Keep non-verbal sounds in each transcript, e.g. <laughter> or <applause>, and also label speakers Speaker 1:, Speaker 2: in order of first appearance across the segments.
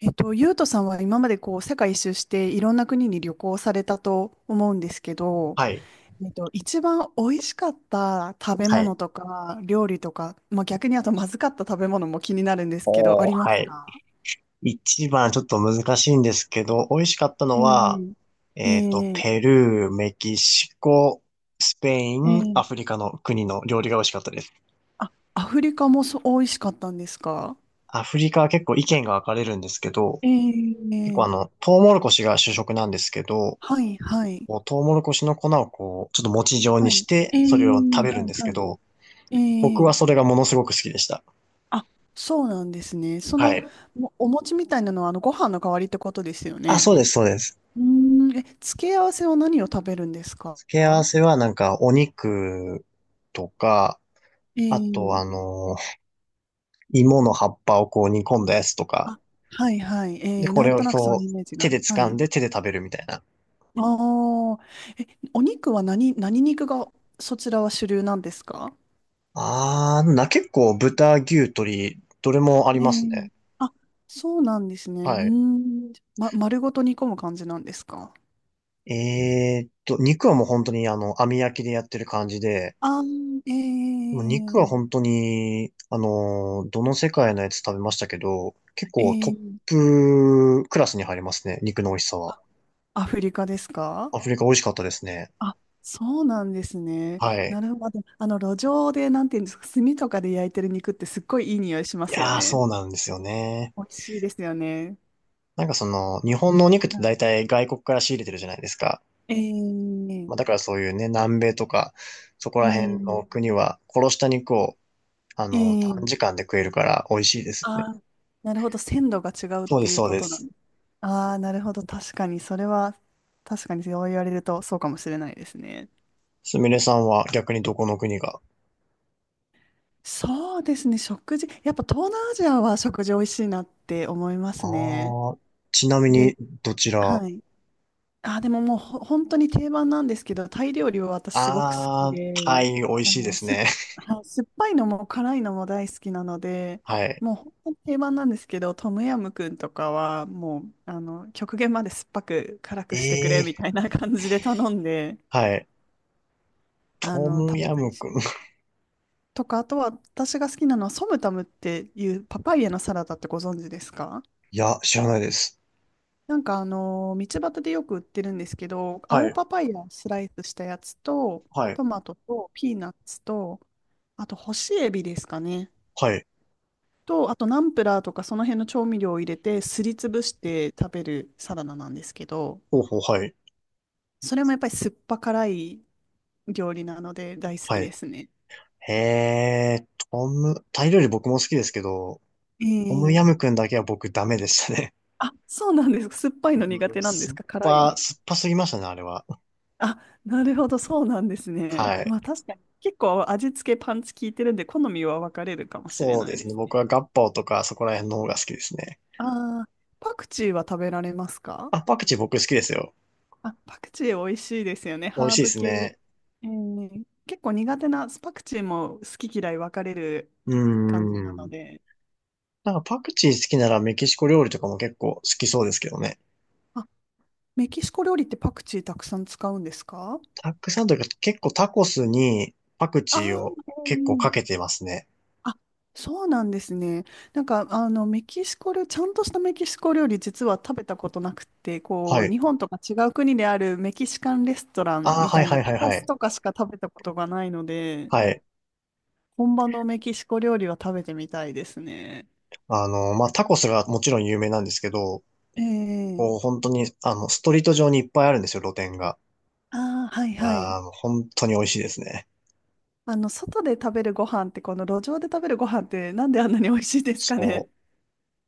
Speaker 1: ゆうとさんは今までこう世界一周していろんな国に旅行されたと思うんですけど、
Speaker 2: はい。
Speaker 1: 一番美味しかった食べ
Speaker 2: は
Speaker 1: 物
Speaker 2: い。
Speaker 1: とか料理とか、まあ、逆にあとまずかった食べ物も気になるんですけど、あ
Speaker 2: おー、
Speaker 1: りま
Speaker 2: は
Speaker 1: す
Speaker 2: い。
Speaker 1: か？
Speaker 2: 一番ちょっと難しいんですけど、美味しかったのは、
Speaker 1: ええ。ええ。
Speaker 2: ペルー、メキシコ、スペイン、
Speaker 1: え
Speaker 2: アフ
Speaker 1: え。
Speaker 2: リカの国の料理が美味しかったです。
Speaker 1: あ、アフリカもそう美味しかったんですか？
Speaker 2: アフリカは結構意見が分かれるんですけど、結構
Speaker 1: ええ。
Speaker 2: トウモロコシが主食なんですけど、
Speaker 1: はいはい。
Speaker 2: こうトウモロコシの粉をこう、ちょっと餅状
Speaker 1: は
Speaker 2: にし
Speaker 1: い。
Speaker 2: て、
Speaker 1: ええ。
Speaker 2: それを食べる
Speaker 1: はい
Speaker 2: んですけ
Speaker 1: は
Speaker 2: ど、
Speaker 1: い。え
Speaker 2: 僕は
Speaker 1: え。
Speaker 2: それがものすごく好きでした。
Speaker 1: あ、そうなんですね。そ
Speaker 2: は
Speaker 1: の、
Speaker 2: い。
Speaker 1: もお餅みたいなのは、あの、ご飯の代わりってことですよ
Speaker 2: あ、
Speaker 1: ね。
Speaker 2: そうです、そうです。
Speaker 1: うーん、え、付け合わせは何を食べるんですか？
Speaker 2: 付け合わせはなんかお肉とか、あと、
Speaker 1: ええ。
Speaker 2: 芋の葉っぱをこう煮込んだやつとか、
Speaker 1: あ、はいはい。え
Speaker 2: で、
Speaker 1: え、
Speaker 2: こ
Speaker 1: なん
Speaker 2: れを
Speaker 1: となくその
Speaker 2: こ
Speaker 1: イ
Speaker 2: う、
Speaker 1: メージ
Speaker 2: 手
Speaker 1: が。
Speaker 2: で
Speaker 1: は
Speaker 2: 掴ん
Speaker 1: い。
Speaker 2: で手で食べるみたいな。
Speaker 1: ああ、え、お肉は何肉がそちらは主流なんですか？
Speaker 2: あー、な、結構豚、牛、鶏、どれもあり
Speaker 1: え
Speaker 2: ます
Speaker 1: え。
Speaker 2: ね。
Speaker 1: あ、そうなんですね。うー
Speaker 2: はい。
Speaker 1: ん。ま、丸ごと煮込む感じなんですか？
Speaker 2: 肉はもう本当に網焼きでやってる感じで、
Speaker 1: ああー。
Speaker 2: でも肉は本
Speaker 1: え
Speaker 2: 当に、あの、どの世界のやつ食べましたけど、結
Speaker 1: え。
Speaker 2: 構ト
Speaker 1: え
Speaker 2: ッ
Speaker 1: え。
Speaker 2: プクラスに入りますね、肉の美味しさは。
Speaker 1: あ、アフリカですか？
Speaker 2: アフリカ美味しかったですね。
Speaker 1: あ、そうなんですね。
Speaker 2: はい。
Speaker 1: なるほど。路上で、なんていうんですか、炭とかで焼いてる肉ってすっごいいい匂いしま
Speaker 2: い
Speaker 1: すよ
Speaker 2: やー、
Speaker 1: ね。
Speaker 2: そうなんですよね。
Speaker 1: 美味しいですよね。
Speaker 2: なんかその、日本のお肉っ
Speaker 1: は
Speaker 2: て
Speaker 1: い。
Speaker 2: 大体外国から仕入れてるじゃないですか。
Speaker 1: えー、
Speaker 2: まあ、だからそういうね、南米とか、そこ
Speaker 1: え
Speaker 2: ら辺
Speaker 1: ー、
Speaker 2: の国は殺した肉を、
Speaker 1: え
Speaker 2: 短
Speaker 1: ー、
Speaker 2: 時間で食えるから美味しいですよね。
Speaker 1: あー、なるほど。鮮度が違うっ
Speaker 2: そうで
Speaker 1: て
Speaker 2: す、
Speaker 1: いう
Speaker 2: そう
Speaker 1: こ
Speaker 2: で
Speaker 1: となん
Speaker 2: す。
Speaker 1: です。ああ、なるほど。確かに、それは、確かにそう言われるとそうかもしれないですね。
Speaker 2: すみれさんは逆にどこの国が。
Speaker 1: そうですね。食事、やっぱ東南アジアは食事美味しいなって思いますね。
Speaker 2: ああ、ちなみ
Speaker 1: で、
Speaker 2: にどちら。あ
Speaker 1: はい。あ、でももう本当に定番なんですけど、タイ料理は私すごく好き
Speaker 2: あー、
Speaker 1: で、
Speaker 2: タイ美味
Speaker 1: あ
Speaker 2: しいで
Speaker 1: の、
Speaker 2: す
Speaker 1: す、
Speaker 2: ね。
Speaker 1: はい、酸っぱいのも辛いのも大好きなの
Speaker 2: <laughs>
Speaker 1: で、
Speaker 2: はい。
Speaker 1: もう本当に定番なんですけど、トムヤムクンとかはもう、極限まで酸っぱく辛くしてくれみた
Speaker 2: ええ、
Speaker 1: いな感じで頼んで、
Speaker 2: はい。トム
Speaker 1: 食べ
Speaker 2: ヤ
Speaker 1: たり
Speaker 2: ム
Speaker 1: し
Speaker 2: クン。
Speaker 1: ます。
Speaker 2: <laughs>
Speaker 1: とか、あとは私が好きなのはソムタムっていうパパイヤのサラダってご存知ですか？
Speaker 2: いや、知らないです。
Speaker 1: 道端でよく売ってるんですけど、
Speaker 2: は
Speaker 1: 青
Speaker 2: い、
Speaker 1: パパイヤをスライスしたやつと、
Speaker 2: はい、
Speaker 1: トマトとピーナッツと、あと干しエビですかね。
Speaker 2: はい。
Speaker 1: と、あとナンプラーとかその辺の調味料を入れてすりつぶして食べるサラダなんですけど、
Speaker 2: ほうほう、はい、
Speaker 1: それもやっぱり酸っぱ辛い料理なので大好き
Speaker 2: は
Speaker 1: で
Speaker 2: い。
Speaker 1: すね。
Speaker 2: へえ、トム、タイ料理僕も好きですけど、
Speaker 1: え
Speaker 2: トム
Speaker 1: ー、
Speaker 2: ヤムクンだけは僕ダメでしたね。
Speaker 1: あ、そうなんですか。酸っぱい
Speaker 2: う
Speaker 1: の苦
Speaker 2: ん、
Speaker 1: 手なんですか、辛いの。
Speaker 2: 酸っぱすぎましたね、あれは。
Speaker 1: あ、なるほど、そうなんですね。
Speaker 2: はい。
Speaker 1: まあ確かに、結構味付けパンチ効いてるんで、好みは分かれるかもしれ
Speaker 2: そう
Speaker 1: ない
Speaker 2: です
Speaker 1: で
Speaker 2: ね。
Speaker 1: す
Speaker 2: 僕
Speaker 1: ね。
Speaker 2: はガッパオとかそこら辺の方が好きですね。
Speaker 1: ああ、パクチーは食べられますか？
Speaker 2: あ、パクチー僕好きですよ。
Speaker 1: あ、パクチー美味しいですよね、
Speaker 2: 美味
Speaker 1: ハ
Speaker 2: し
Speaker 1: ー
Speaker 2: いで
Speaker 1: ブ
Speaker 2: す
Speaker 1: 系。
Speaker 2: ね。
Speaker 1: 結構苦手な、パクチーも好き嫌い分かれる
Speaker 2: うー
Speaker 1: 感じなの
Speaker 2: ん。
Speaker 1: で。
Speaker 2: なんかパクチー好きならメキシコ料理とかも結構好きそうですけどね。
Speaker 1: あ、メキシコ料理ってパクチーたくさん使うんですか？
Speaker 2: たくさんというか結構タコスにパク
Speaker 1: あ
Speaker 2: チーを
Speaker 1: あ
Speaker 2: 結構
Speaker 1: ー、
Speaker 2: かけてますね。
Speaker 1: あ、そうなんですね。メキシコ料、ちゃんとしたメキシコ料理、実は食べたことなくて、こ
Speaker 2: は
Speaker 1: う、
Speaker 2: い。
Speaker 1: 日本とか違う国であるメキシカンレストラン
Speaker 2: ああ、
Speaker 1: み
Speaker 2: はい
Speaker 1: たい
Speaker 2: は
Speaker 1: な
Speaker 2: い
Speaker 1: タ
Speaker 2: はい
Speaker 1: コ
Speaker 2: は
Speaker 1: ス
Speaker 2: い。
Speaker 1: とかしか食べたことがないので、
Speaker 2: はい。
Speaker 1: 本場のメキシコ料理は食べてみたいですね。
Speaker 2: まあ、タコスがもちろん有名なんですけど、
Speaker 1: え
Speaker 2: こう、
Speaker 1: え。
Speaker 2: 本当に、ストリート上にいっぱいあるんですよ、露店が。
Speaker 1: ああー、はい
Speaker 2: い
Speaker 1: はい。
Speaker 2: やー、もう本当に美味しいですね。
Speaker 1: 外で食べるご飯って、この路上で食べるご飯って、なんであんなに美味しいですかね。
Speaker 2: そ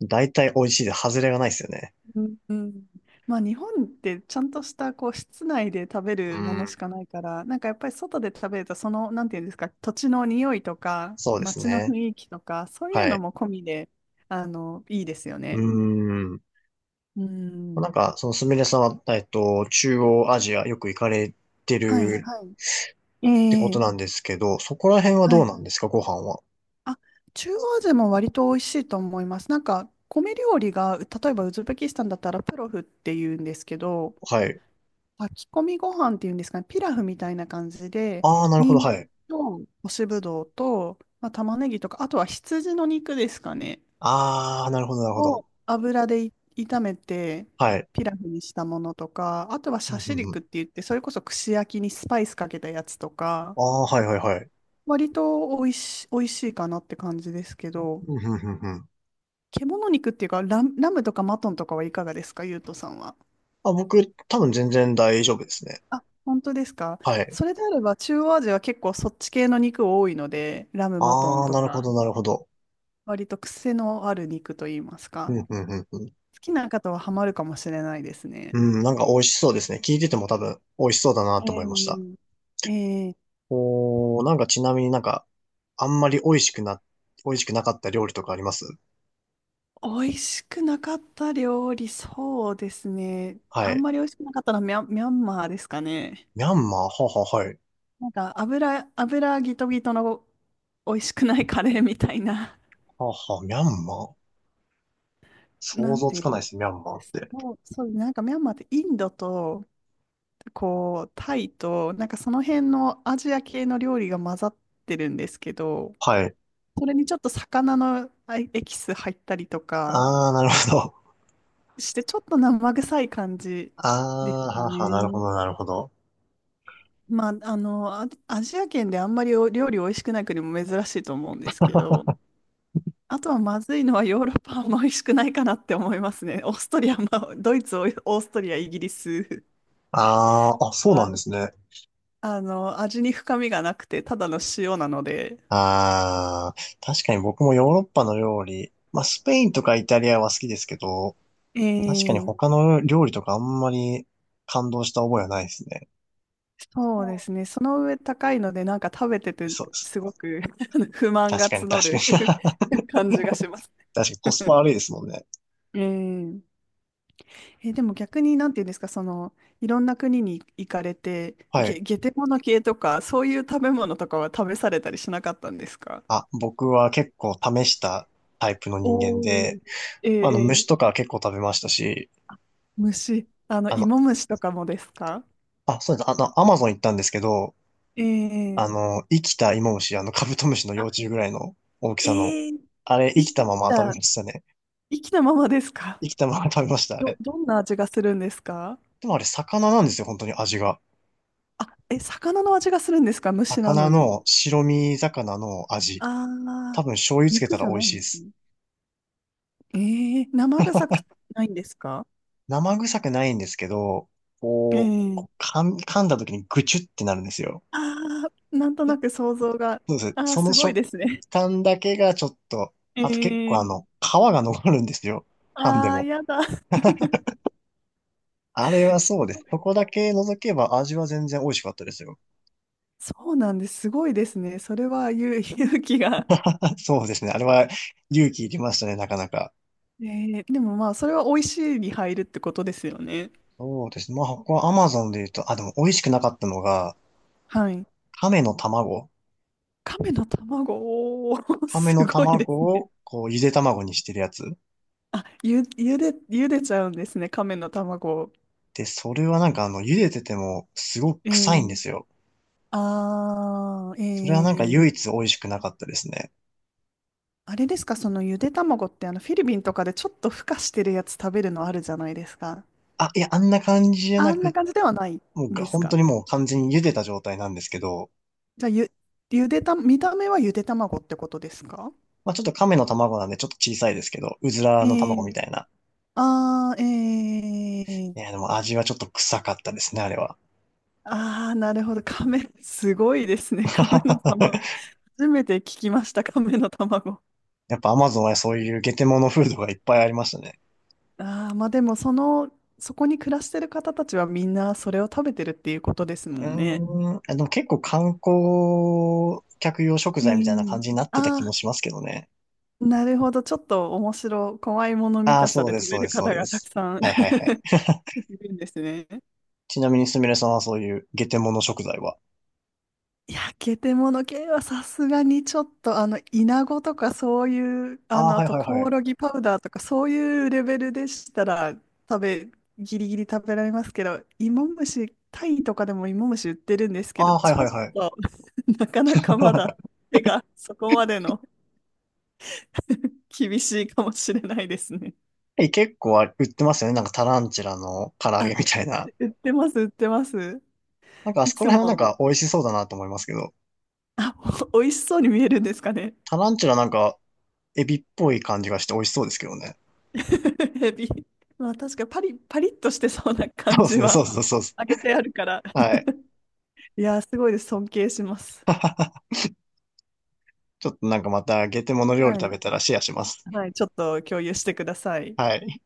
Speaker 2: う。大体美味しいで、外れがないですよね。
Speaker 1: うんうん。まあ、日本ってちゃんとしたこう室内で食べ
Speaker 2: う
Speaker 1: るものし
Speaker 2: ん。
Speaker 1: かないから、やっぱり外で食べると、なんていうんですか、土地の匂いとか、
Speaker 2: そうです
Speaker 1: 街の
Speaker 2: ね。
Speaker 1: 雰囲気とか、そういう
Speaker 2: は
Speaker 1: の
Speaker 2: い。
Speaker 1: も込みで、いいですよ
Speaker 2: う
Speaker 1: ね。
Speaker 2: ん。
Speaker 1: う
Speaker 2: な
Speaker 1: ん。
Speaker 2: んか、そのすみれさんは、中央アジアよく行かれて
Speaker 1: はい、
Speaker 2: る
Speaker 1: は
Speaker 2: っ
Speaker 1: い。え
Speaker 2: てこと
Speaker 1: え、
Speaker 2: なんですけど、そこら辺は
Speaker 1: は
Speaker 2: どう
Speaker 1: い。
Speaker 2: なんですか、ご飯は。
Speaker 1: あ、中央アジアも割と美味しいと思います。米料理が、例えばウズベキスタンだったらプロフっていうんですけど、
Speaker 2: はい。
Speaker 1: 炊き込みご飯っていうんですかね、ピラフみたいな感じで、
Speaker 2: あー、なるほ
Speaker 1: 人
Speaker 2: ど、は
Speaker 1: 参
Speaker 2: い。
Speaker 1: と干しぶどうと、まあ、玉ねぎとか、あとは羊の肉ですかね、
Speaker 2: あー、なるほど、なるほど。
Speaker 1: を油で炒めて、
Speaker 2: はい。
Speaker 1: ピラフにしたものとか、あとは
Speaker 2: う
Speaker 1: シ
Speaker 2: ん
Speaker 1: ャ
Speaker 2: う
Speaker 1: シ
Speaker 2: んうん、
Speaker 1: 肉って言って、それこそ串焼きにスパイスかけたやつとか、
Speaker 2: あー、はい、はい、はい。
Speaker 1: 割と美味しいかなって感じですけど、
Speaker 2: うんうんうんうん、
Speaker 1: 獣肉っていうか、ラムとかマトンとかはいかがですか、ゆうとさんは。
Speaker 2: あ、僕、多分全然大丈夫ですね。
Speaker 1: あ、本当ですか。
Speaker 2: はい。
Speaker 1: それであれば、中央アジアは結構そっち系の肉多いので、ラムマト
Speaker 2: あ
Speaker 1: ン
Speaker 2: あ、
Speaker 1: と
Speaker 2: なるほ
Speaker 1: か、
Speaker 2: ど、なるほど。
Speaker 1: 割と癖のある肉といいます
Speaker 2: う
Speaker 1: か、
Speaker 2: ん、うん、うん、うん。
Speaker 1: 好きな方はハマるかもしれないですね。
Speaker 2: うん、なんか美味しそうですね。聞いてても多分美味しそうだなと思いました。
Speaker 1: えええ
Speaker 2: おー、なんかちなみになんか、あんまり美味しくな、美味しくなかった料理とかあります。
Speaker 1: 美味しくなかった料理、そうですね。
Speaker 2: は
Speaker 1: あん
Speaker 2: い。
Speaker 1: まり美味しくなかったのはミャンマーですかね。
Speaker 2: ミャンマーはは、はい。
Speaker 1: 油ギトギトの美味しくないカレーみたいな、
Speaker 2: はは、ミャンマー、
Speaker 1: な
Speaker 2: 想
Speaker 1: ん
Speaker 2: 像
Speaker 1: て
Speaker 2: つ
Speaker 1: いう
Speaker 2: かな
Speaker 1: ん
Speaker 2: いですね、ミャンマ
Speaker 1: で
Speaker 2: ーっ
Speaker 1: す。
Speaker 2: て。
Speaker 1: もう、そう、ミャンマーってインドとタイと、その辺のアジア系の料理が混ざってるんですけど、
Speaker 2: はい。
Speaker 1: それにちょっと魚のエキス入ったりとか
Speaker 2: ああ、なるほど。
Speaker 1: して、ちょっと生臭い感じ
Speaker 2: あ
Speaker 1: です
Speaker 2: あ、
Speaker 1: か
Speaker 2: はは、なるほ
Speaker 1: ね。
Speaker 2: ど、なるほど。
Speaker 1: まあ、アジア圏であんまりお料理美味しくない国も珍しいと思うんですけど、あとはまずいのはヨーロッパも美味しくないかなって思いますね。<laughs> オーストリアも、ドイツ、オーストリア、イギリス
Speaker 2: ああ、あ、そうなん
Speaker 1: は、
Speaker 2: ですね。
Speaker 1: 味に深みがなくて、ただの塩なので。
Speaker 2: ああ、確かに僕もヨーロッパの料理、まあスペインとかイタリアは好きですけど、確かに
Speaker 1: え
Speaker 2: 他
Speaker 1: え。
Speaker 2: の料理とかあんまり感動した覚えはないですね。
Speaker 1: そうですね。その上高いので、食べてて、
Speaker 2: そうです。
Speaker 1: すごく <laughs> 不満
Speaker 2: 確
Speaker 1: が
Speaker 2: かに
Speaker 1: 募
Speaker 2: 確
Speaker 1: る
Speaker 2: かに。<laughs>
Speaker 1: <laughs> 感じがします。
Speaker 2: 確かにコスパ悪いですもんね。
Speaker 1: えうえでも逆に、なんていうんですか、いろんな国に行かれて、
Speaker 2: は
Speaker 1: ゲ、
Speaker 2: い。
Speaker 1: ゲテモノ系とか、そういう食べ物とかは食べされたりしなかったんですか？
Speaker 2: あ、僕は結構試したタイプの人間
Speaker 1: お
Speaker 2: で、
Speaker 1: ー。えええ
Speaker 2: 虫
Speaker 1: ー
Speaker 2: とか結構食べましたし、
Speaker 1: 虫、
Speaker 2: あの、
Speaker 1: 芋虫とかもですか？
Speaker 2: あ、そうです。アマゾン行ったんですけど、あ
Speaker 1: ええ。
Speaker 2: の、生きたイモムシ、あの、カブトムシの幼
Speaker 1: あ、
Speaker 2: 虫ぐらいの大きさの、
Speaker 1: ええ、
Speaker 2: あれ、生
Speaker 1: 生
Speaker 2: きた
Speaker 1: き
Speaker 2: まま食べま
Speaker 1: た、
Speaker 2: したね。
Speaker 1: 生きたままですか？
Speaker 2: 生きたまま食べました、あ
Speaker 1: ど、
Speaker 2: れ。
Speaker 1: どんな味がするんですか？
Speaker 2: でもあれ、魚なんですよ、本当に味が。
Speaker 1: あ、え、魚の味がするんですか、虫な
Speaker 2: 魚
Speaker 1: のに。
Speaker 2: の、白身魚の味。
Speaker 1: ああ、
Speaker 2: 多分醤油つけ
Speaker 1: 肉
Speaker 2: た
Speaker 1: じ
Speaker 2: ら
Speaker 1: ゃ
Speaker 2: 美味
Speaker 1: ない
Speaker 2: しい
Speaker 1: ん
Speaker 2: で
Speaker 1: です
Speaker 2: す。
Speaker 1: ね。ええ、生臭くないんですか？
Speaker 2: 生臭くないんですけど、こう、
Speaker 1: え
Speaker 2: こう
Speaker 1: え。
Speaker 2: 噛ん噛んだ時にぐちゅってなるんですよ。
Speaker 1: ああ、なんとなく想像が。
Speaker 2: そうです。
Speaker 1: ああ、
Speaker 2: その
Speaker 1: すごい
Speaker 2: 食
Speaker 1: ですね。
Speaker 2: 感だけがちょっと、あと結
Speaker 1: え
Speaker 2: 構
Speaker 1: え。
Speaker 2: 皮が残るんですよ。噛んで
Speaker 1: ああ、
Speaker 2: も。
Speaker 1: やだ。<laughs>
Speaker 2: あれは
Speaker 1: す
Speaker 2: そうで
Speaker 1: ご
Speaker 2: す。
Speaker 1: い。
Speaker 2: そこだけ除けば味は全然美味しかったですよ。
Speaker 1: そうなんです。すごいですね。それは勇気が。
Speaker 2: <laughs> そうですね。あれは勇気いりましたね、なかなか。
Speaker 1: ええ。でもまあ、それは美味しいに入るってことですよね。
Speaker 2: そうですね。まあ、ここは Amazon で言うと、あ、でも美味しくなかったのが、
Speaker 1: はい。
Speaker 2: 亀の卵。
Speaker 1: 亀の卵、おー。 <laughs>
Speaker 2: 亀
Speaker 1: す
Speaker 2: の
Speaker 1: ごいで
Speaker 2: 卵
Speaker 1: すね。
Speaker 2: を、こう、ゆで卵にしてるやつ。
Speaker 1: あ、ゆでちゃうんですね。亀の卵を。
Speaker 2: で、それはなんか茹でてても、すごく
Speaker 1: え
Speaker 2: 臭
Speaker 1: え。
Speaker 2: いんですよ。
Speaker 1: ああ。え
Speaker 2: それはなんか唯
Speaker 1: え。
Speaker 2: 一美味しくなかったですね。
Speaker 1: あれですか、そのゆで卵ってあのフィリピンとかでちょっと孵化してるやつ食べるのあるじゃないですか。
Speaker 2: あ、いや、あんな感じじゃ
Speaker 1: あ
Speaker 2: な
Speaker 1: んな
Speaker 2: く、
Speaker 1: 感じではない
Speaker 2: もうが、
Speaker 1: です
Speaker 2: 本
Speaker 1: か。
Speaker 2: 当にもう完全に茹でた状態なんですけど、
Speaker 1: じゃあ、ゆでた、見た目はゆで卵ってことですか？
Speaker 2: まあちょっと亀の卵なんでちょっと小さいですけど、うずらの
Speaker 1: え
Speaker 2: 卵み
Speaker 1: え。
Speaker 2: たいな。
Speaker 1: ああー。え
Speaker 2: いや、
Speaker 1: え。
Speaker 2: でも味はちょっと臭かったですね、あれは。
Speaker 1: ああ、なるほど。亀、すごいですね。亀の卵。
Speaker 2: <laughs>
Speaker 1: 初めて聞きました、亀の卵。
Speaker 2: やっぱ Amazon はそういうゲテモノフードがいっぱいありましたね。
Speaker 1: ああ、まあでも、そこに暮らしてる方たちはみんなそれを食べてるっていうことです
Speaker 2: うー
Speaker 1: もんね。
Speaker 2: ん、結構観光客用食
Speaker 1: え
Speaker 2: 材みたいな感
Speaker 1: え。
Speaker 2: じになってた気も
Speaker 1: あ
Speaker 2: しますけどね。
Speaker 1: あ、なるほど。ちょっと怖いもの見
Speaker 2: ああ、
Speaker 1: たさ
Speaker 2: そう
Speaker 1: で
Speaker 2: で
Speaker 1: 食
Speaker 2: す、
Speaker 1: べ
Speaker 2: そうで
Speaker 1: る
Speaker 2: す、そう
Speaker 1: 方
Speaker 2: で
Speaker 1: がたく
Speaker 2: す。
Speaker 1: さん
Speaker 2: はいはいはい。
Speaker 1: <laughs> いるんですね。
Speaker 2: ちなみにすみれさんはそういうゲテモノ食材は。
Speaker 1: 焼けてもの系はさすがにちょっと、イナゴとかそういう、
Speaker 2: ああー、
Speaker 1: あ
Speaker 2: はい
Speaker 1: と
Speaker 2: はい
Speaker 1: コ
Speaker 2: は
Speaker 1: オ
Speaker 2: い。
Speaker 1: ロギパウダーとかそういうレベルでしたら、食べ、ギリギリ食べられますけど、芋虫、タイとかでも芋虫売ってるんですけど、
Speaker 2: ああ、はい
Speaker 1: ち
Speaker 2: は
Speaker 1: ょ
Speaker 2: い
Speaker 1: っ
Speaker 2: はい。
Speaker 1: と <laughs> なかなかまだ
Speaker 2: <laughs>
Speaker 1: 手がそこまでの <laughs> 厳しいかもしれないですね。
Speaker 2: え、結構あれ売ってますよね。なんかタランチュラの唐揚
Speaker 1: あ、
Speaker 2: げみたいな。
Speaker 1: 売ってます、売ってます。
Speaker 2: なんかあ
Speaker 1: い
Speaker 2: そこ
Speaker 1: つ
Speaker 2: ら辺はなん
Speaker 1: も、
Speaker 2: か美味しそうだなと思いますけど。
Speaker 1: あ、お美味しそうに見えるんですかね。
Speaker 2: タランチュラなんかエビっぽい感じがして美味しそうですけどね。
Speaker 1: <laughs> ヘビ。まあ確かパリッとしてそうな感
Speaker 2: そうです
Speaker 1: じ
Speaker 2: ね、そ
Speaker 1: は、
Speaker 2: うそうそうそ
Speaker 1: 揚げてあるから。
Speaker 2: う。はい。
Speaker 1: いやー、すごいです。尊敬します。
Speaker 2: <laughs> ちょっとなんかまたゲテモノ料理
Speaker 1: は
Speaker 2: 食
Speaker 1: い。
Speaker 2: べたらシェアします。
Speaker 1: はい、ちょっと共有してください。
Speaker 2: はい。